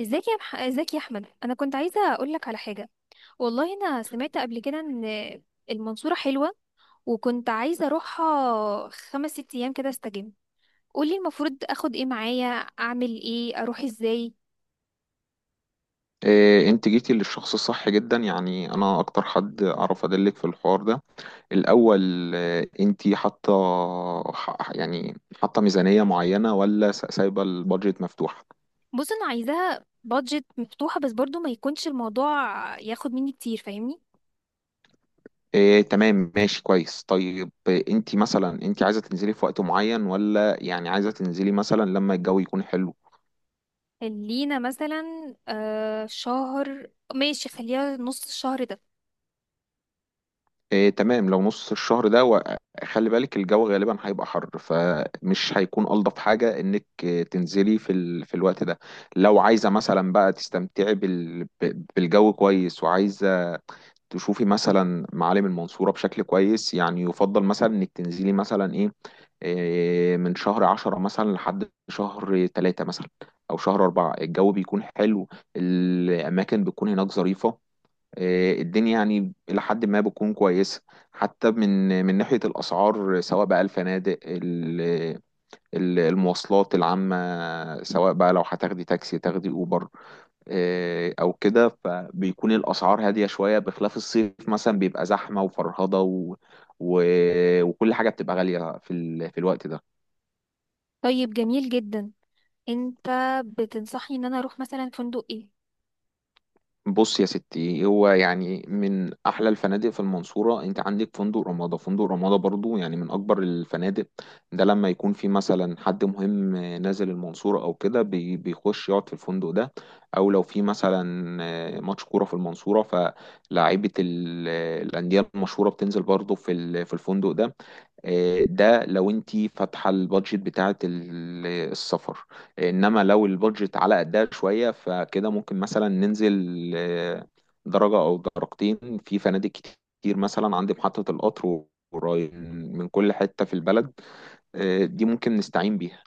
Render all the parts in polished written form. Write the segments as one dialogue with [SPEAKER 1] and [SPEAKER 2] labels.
[SPEAKER 1] ازيك يا احمد، انا كنت عايزه اقول لك على حاجه. والله انا سمعت قبل كده ان المنصوره حلوه، وكنت عايزه اروحها خمس ست ايام كده استجم. قولي المفروض اخد ايه معايا؟ اعمل ايه؟ اروح ازاي؟
[SPEAKER 2] انت جيتي للشخص الصح جدا، يعني انا اكتر حد اعرف ادلك في الحوار ده. الاول، انت حاطه يعني حاطه ميزانيه معينه، ولا سايبه البادجت مفتوح؟
[SPEAKER 1] بص، انا عايزاها بادجت مفتوحه بس برضو ما يكونش الموضوع ياخد مني كتير، فاهمني.
[SPEAKER 2] إيه، تمام ماشي كويس. طيب، انت مثلا انت عايزه تنزلي في وقت معين، ولا يعني عايزه تنزلي مثلا لما الجو يكون حلو؟
[SPEAKER 1] خلينا مثلا شهر. ماشي، خليها نص الشهر ده.
[SPEAKER 2] إيه، تمام. لو نص الشهر ده، وخلي بالك الجو غالبا هيبقى حر، فمش هيكون ألطف حاجة إنك تنزلي في الوقت ده. لو عايزة مثلا بقى تستمتعي بالجو كويس، وعايزة تشوفي مثلا معالم المنصورة بشكل كويس، يعني يفضل مثلا إنك تنزلي مثلا إيه، من شهر 10 مثلا لحد شهر 3 مثلا، أو شهر 4. الجو بيكون حلو. الأماكن بتكون هناك ظريفة. الدنيا يعني إلى حد ما بتكون كويسة. حتى من ناحية الأسعار، سواء بقى الفنادق المواصلات العامة، سواء بقى لو هتاخدي تاكسي، تاخدي أوبر. أو كده، فبيكون الأسعار هادية شوية، بخلاف الصيف مثلا بيبقى زحمة وفرهضة و... وكل حاجة بتبقى غالية في الوقت ده.
[SPEAKER 1] طيب، جميل جدا. انت بتنصحني ان انا اروح مثلا فندق ايه؟
[SPEAKER 2] بص يا ستي، هو يعني من احلى الفنادق في المنصوره، انت عندك فندق رمادة. فندق رمادة برضو يعني من اكبر الفنادق. ده لما يكون في مثلا حد مهم نازل المنصوره او كده، بيخش يقعد في الفندق ده. او لو في مثلا ماتش كوره في المنصوره، فلاعيبه الانديه المشهوره بتنزل برضو في الفندق ده. ده لو انت فاتحه البادجت بتاعه السفر. انما لو البادجت على قدها شويه، فكده ممكن مثلا ننزل درجه او درجتين في فنادق كتير مثلا عند محطه القطر. وراي من كل حته في البلد. دي ممكن نستعين بيها.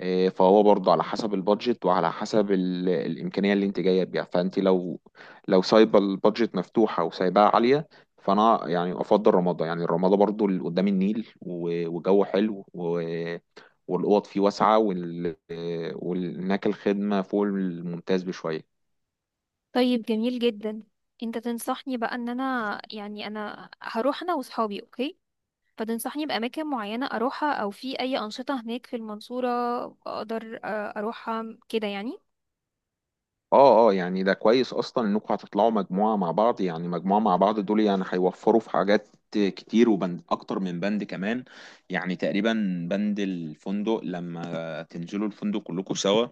[SPEAKER 2] إيه، فهو برضه على حسب البادجت وعلى حسب الإمكانية اللي انت جاية بيها، فانت لو سايبة البادجت مفتوحة وسايباها عالية، فانا يعني افضل رمضة، يعني الرمضة برضه اللي قدام النيل وجو حلو والأوض فيه واسعة وهناك الخدمة فوق الممتاز بشوية.
[SPEAKER 1] طيب، جميل جدا. انت تنصحني بقى ان انا يعني انا هروح انا واصحابي، اوكي. فتنصحني باماكن معينة اروحها، او في اي انشطة هناك في المنصورة اقدر اروحها كده يعني؟
[SPEAKER 2] اه، اه، يعني ده كويس اصلا انكم هتطلعوا مجموعه مع بعض. يعني مجموعه مع بعض دول يعني هيوفروا في حاجات كتير، وبند اكتر من بند كمان. يعني تقريبا، بند الفندق لما تنزلوا الفندق كلكم سوا.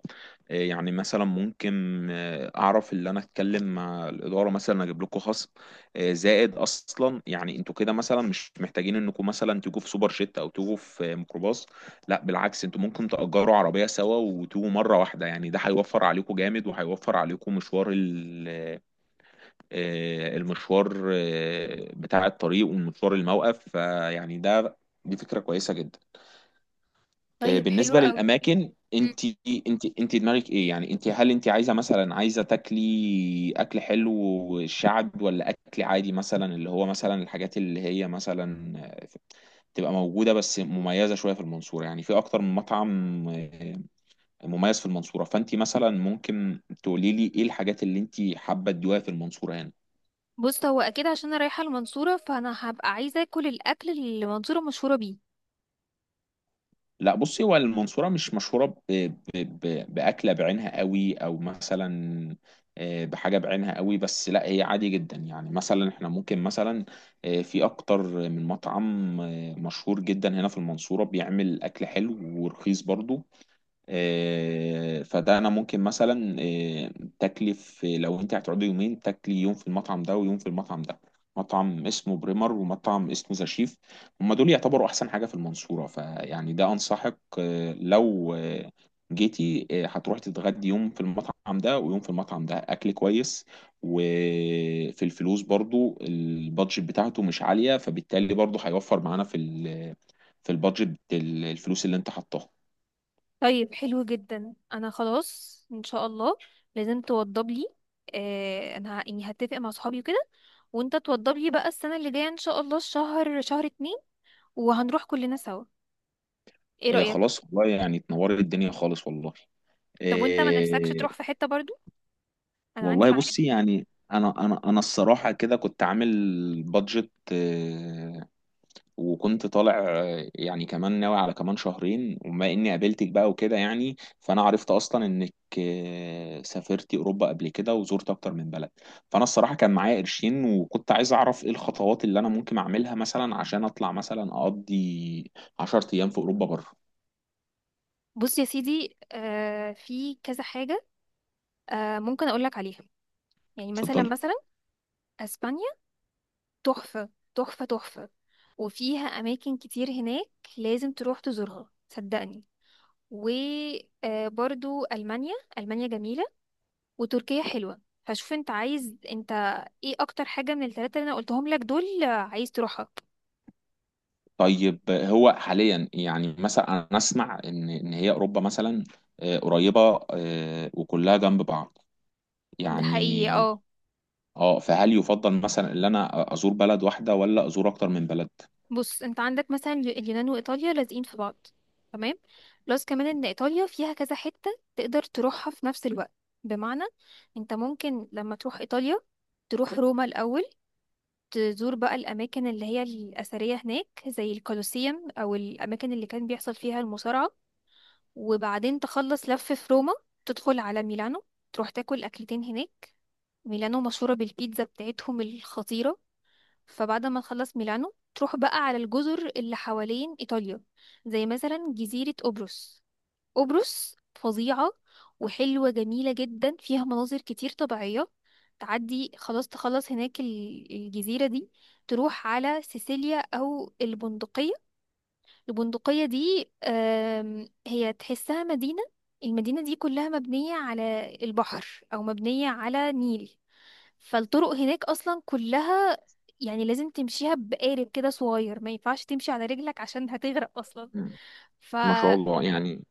[SPEAKER 2] يعني مثلا ممكن اعرف اللي انا اتكلم مع الاداره مثلا اجيب لكم خصم. زائد اصلا، يعني انتوا كده مثلا مش محتاجين انكم مثلا تيجوا في سوبر جيت، او تيجوا في ميكروباص. لا، بالعكس، انتوا ممكن تأجروا عربية سوا وتيجوا مرة واحدة. يعني ده هيوفر عليكم جامد، وهيوفر عليكم مشوار المشوار بتاع الطريق، ومشوار الموقف. فيعني دي فكرة كويسة جدا.
[SPEAKER 1] طيب، حلو
[SPEAKER 2] بالنسبة
[SPEAKER 1] قوي.
[SPEAKER 2] للأماكن،
[SPEAKER 1] مم.
[SPEAKER 2] انت دماغك ايه؟ يعني هل انت عايزة تاكلي أكل حلو شعب، ولا أكل عادي مثلا، اللي هو مثلا الحاجات اللي هي مثلا تبقى موجودة بس مميزة شوية في المنصورة، يعني في أكتر من مطعم مميز في المنصورة. فانت مثلا ممكن تقولي لي ايه الحاجات اللي انت حابة تدوها في المنصورة هنا.
[SPEAKER 1] بص، هو اكيد عشان انا رايحة المنصورة فانا هبقى عايزة اكل الاكل اللي المنصورة مشهورة بيه.
[SPEAKER 2] لا، بصي، هو المنصورة مش مشهورة بأكلة بعينها قوي، او مثلا بحاجة بعينها قوي. بس لا، هي عادي جدا. يعني مثلا احنا ممكن مثلا في اكتر من مطعم مشهور جدا هنا في المنصورة بيعمل اكل حلو ورخيص برضو. فده انا ممكن مثلا آه، تكلف آه، لو انت هتقعدي يومين، تاكلي يوم في المطعم ده ويوم في المطعم ده. مطعم اسمه بريمر، ومطعم اسمه ذا شيف. هما دول يعتبروا احسن حاجة في المنصورة. فيعني ده، انصحك آه، لو آه، جيتي، هتروحي تتغدي يوم في المطعم ده، ويوم في المطعم ده. اكل كويس، وفي الفلوس برضو البادجت بتاعته مش عالية، فبالتالي برضو هيوفر معانا في البادجت، الفلوس اللي انت حطاها.
[SPEAKER 1] طيب، حلو جدا، انا خلاص ان شاء الله لازم توضب لي. انا يعني هتفق مع صحابي وكده، وانت توضب لي بقى السنة اللي جاية ان شاء الله الشهر شهر 2، وهنروح كلنا سوا. ايه
[SPEAKER 2] هي
[SPEAKER 1] رأيك؟
[SPEAKER 2] خلاص، والله يعني اتنورت الدنيا خالص والله.
[SPEAKER 1] طب وانت ما نفسكش
[SPEAKER 2] إيه.
[SPEAKER 1] تروح في حتة برضو؟ انا عندي
[SPEAKER 2] والله
[SPEAKER 1] معارف
[SPEAKER 2] بصي،
[SPEAKER 1] كتير.
[SPEAKER 2] يعني انا الصراحه كده كنت عامل بادجت إيه، وكنت طالع يعني كمان ناوي على كمان شهرين، وما اني قابلتك بقى وكده. يعني فانا عرفت اصلا انك سافرتي اوروبا قبل كده، وزرت اكتر من بلد. فانا الصراحه كان معايا قرشين، وكنت عايز اعرف ايه الخطوات اللي انا ممكن اعملها مثلا، عشان اطلع مثلا اقضي 10 ايام في اوروبا بره.
[SPEAKER 1] بص يا سيدي، في كذا حاجة ممكن اقولك عليها. يعني مثلا،
[SPEAKER 2] اتفضلي.
[SPEAKER 1] اسبانيا. تحفة. تحفة، تحفة. وفيها اماكن كتير هناك، لازم تروح تزورها صدقني. وبرضو المانيا، جميلة. وتركيا حلوة. فشوف انت عايز، انت ايه اكتر حاجة من الثلاثة اللي انا قلتهم لك دول عايز تروحها؟
[SPEAKER 2] طيب هو حاليا يعني مثلا انا اسمع ان هي اوروبا مثلا قريبه، وكلها جنب بعض
[SPEAKER 1] ده حقيقي،
[SPEAKER 2] يعني.
[SPEAKER 1] اه.
[SPEAKER 2] اه، فهل يفضل مثلا ان انا ازور بلد واحده، ولا ازور اكتر من بلد؟
[SPEAKER 1] بص، انت عندك مثلا اليونان وايطاليا لازقين في بعض، تمام؟ بلس كمان ان ايطاليا فيها كذا حتة تقدر تروحها في نفس الوقت. بمعنى، انت ممكن لما تروح ايطاليا تروح روما الاول، تزور بقى الاماكن اللي هي الاثرية هناك زي الكولوسيوم او الاماكن اللي كان بيحصل فيها المصارعة. وبعدين تخلص لف في روما، تدخل على ميلانو، تروح تاكل اكلتين هناك. ميلانو مشهورة بالبيتزا بتاعتهم الخطيرة. فبعد ما نخلص ميلانو تروح بقى على الجزر اللي حوالين إيطاليا، زي مثلا جزيرة قبرص. قبرص فظيعة، وحلوة جميلة جدا، فيها مناظر كتير طبيعية. تعدي خلاص، تخلص هناك الجزيرة دي، تروح على سيسيليا أو البندقية. البندقية دي، هي تحسها مدينة. المدينة دي كلها مبنية على البحر أو مبنية على نيل، فالطرق هناك أصلا كلها يعني لازم تمشيها بقارب كده صغير، ما ينفعش تمشي على رجلك عشان هتغرق أصلا.
[SPEAKER 2] مم.
[SPEAKER 1] ف
[SPEAKER 2] ما شاء الله يعني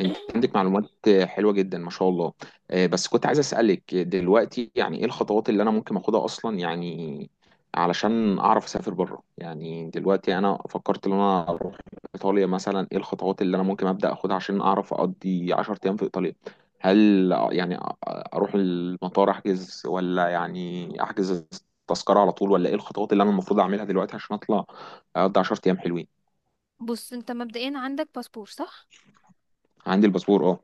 [SPEAKER 2] انت عندك معلومات حلوه جدا، ما شاء الله. بس كنت عايز اسالك دلوقتي، يعني ايه الخطوات اللي انا ممكن اخدها اصلا، يعني علشان اعرف اسافر بره. يعني دلوقتي انا فكرت ان انا اروح ايطاليا مثلا. ايه الخطوات اللي انا ممكن ابدا اخدها عشان اعرف اقضي 10 ايام في ايطاليا؟ هل يعني اروح المطار احجز، ولا يعني احجز التذكره على طول، ولا ايه الخطوات اللي انا المفروض اعملها دلوقتي عشان اطلع اقضي 10 ايام حلوين؟
[SPEAKER 1] بص، انت مبدئيا عندك باسبور، صح؟
[SPEAKER 2] عندي الباسبور، اه.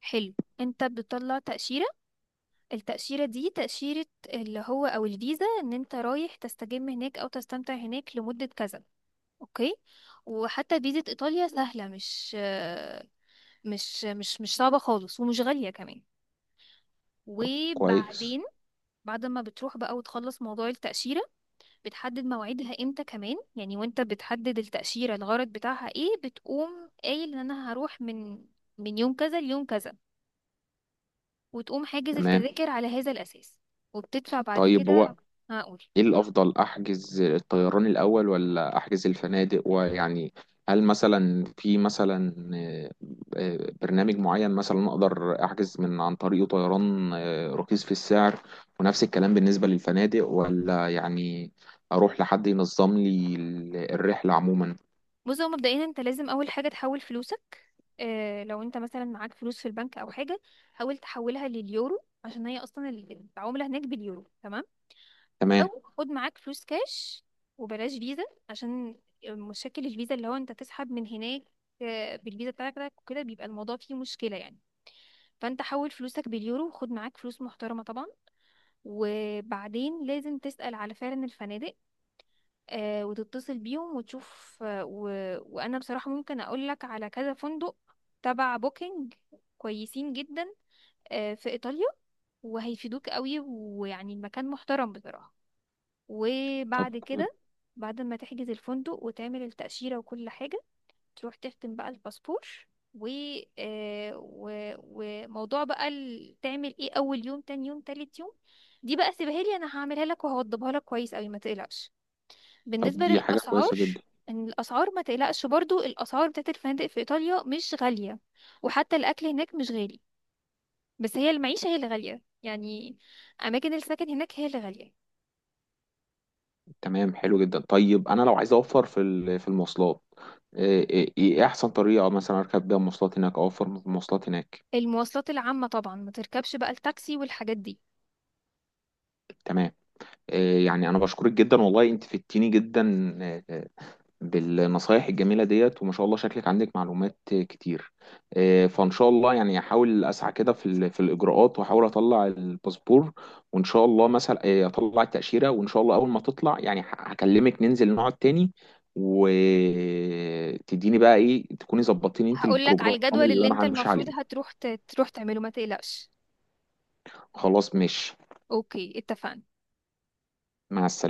[SPEAKER 1] حلو. انت بتطلع تأشيرة. التأشيرة دي تأشيرة اللي هو او الفيزا ان انت رايح تستجم هناك او تستمتع هناك لمدة كذا، اوكي؟ وحتى فيزا ايطاليا سهله، مش صعبه خالص، ومش غاليه كمان.
[SPEAKER 2] طب كويس،
[SPEAKER 1] وبعدين بعد ما بتروح بقى وتخلص موضوع التأشيرة، بتحدد مواعيدها امتى كمان يعني، وانت بتحدد التأشيرة الغرض بتاعها ايه، بتقوم قايل ان انا هروح من يوم كذا ليوم كذا، وتقوم حاجز
[SPEAKER 2] تمام.
[SPEAKER 1] التذاكر على هذا الأساس، وبتدفع بعد
[SPEAKER 2] طيب،
[SPEAKER 1] كده.
[SPEAKER 2] هو
[SPEAKER 1] هقول.
[SPEAKER 2] ايه الافضل، احجز الطيران الاول ولا احجز الفنادق؟ ويعني هل مثلا في مثلا برنامج معين مثلا اقدر احجز من عن طريقه طيران رخيص في السعر؟ ونفس الكلام بالنسبة للفنادق، ولا يعني اروح لحد ينظم لي الرحلة عموما؟
[SPEAKER 1] بص، هو مبدئيا انت لازم اول حاجه تحول فلوسك. اه، لو انت مثلا معاك فلوس في البنك او حاجه، حاول تحولها لليورو عشان هي اصلا العمله هناك باليورو، تمام؟
[SPEAKER 2] تمام.
[SPEAKER 1] او خد معاك فلوس كاش، وبلاش فيزا، عشان مشاكل الفيزا اللي هو انت تسحب من هناك بالفيزا بتاعتك وكده بيبقى الموضوع فيه مشكله يعني. فانت حول فلوسك باليورو وخد معاك فلوس محترمه طبعا. وبعدين لازم تسأل على فعلا الفنادق، وتتصل بيهم وتشوف. وانا بصراحة ممكن اقول لك على كذا فندق تبع بوكينج، كويسين جدا، في ايطاليا، وهيفيدوك قوي، ويعني المكان محترم بصراحة.
[SPEAKER 2] طب،
[SPEAKER 1] وبعد كده، بعد ما تحجز الفندق وتعمل التأشيرة وكل حاجة، تروح تختم بقى الباسبور و... آه، و... وموضوع بقى تعمل ايه اول يوم، تاني يوم، تالت يوم، دي بقى سيبها لي انا، هعملها لك وهوضبها لك كويس قوي، ما تقلقش.
[SPEAKER 2] طب،
[SPEAKER 1] بالنسبة
[SPEAKER 2] دي حاجة
[SPEAKER 1] للأسعار،
[SPEAKER 2] كويسة جدا.
[SPEAKER 1] إن الأسعار ما تقلقش برضو، الأسعار بتاعت الفنادق في إيطاليا مش غالية، وحتى الأكل هناك مش غالي، بس هي المعيشة هي اللي غالية يعني. أماكن السكن هناك هي اللي غالية.
[SPEAKER 2] تمام، حلو جدا. طيب، انا لو عايز اوفر في المواصلات، إيه احسن طريقة مثلا اركب بيها مواصلات هناك، او اوفر مواصلات هناك؟
[SPEAKER 1] المواصلات العامة طبعا، ما تركبش بقى التاكسي والحاجات دي.
[SPEAKER 2] تمام. يعني انا بشكرك جدا والله، انت فدتيني جدا آه، آه، بالنصايح الجميله ديت، وما شاء الله شكلك عندك معلومات كتير. فان شاء الله يعني احاول اسعى كده في الاجراءات، واحاول اطلع الباسبور. وان شاء الله مثلا اطلع التاشيره، وان شاء الله اول ما تطلع يعني هكلمك، ننزل نقعد تاني، وتديني بقى ايه تكوني ظبطتيني انت
[SPEAKER 1] هقولك على
[SPEAKER 2] البروجرام
[SPEAKER 1] الجدول
[SPEAKER 2] اللي
[SPEAKER 1] اللي
[SPEAKER 2] انا
[SPEAKER 1] انت
[SPEAKER 2] همشي عليه.
[SPEAKER 1] المفروض هتروح تروح تعمله، ما تقلقش.
[SPEAKER 2] خلاص ماشي.
[SPEAKER 1] أوكي، اتفقنا.
[SPEAKER 2] مع السلامه.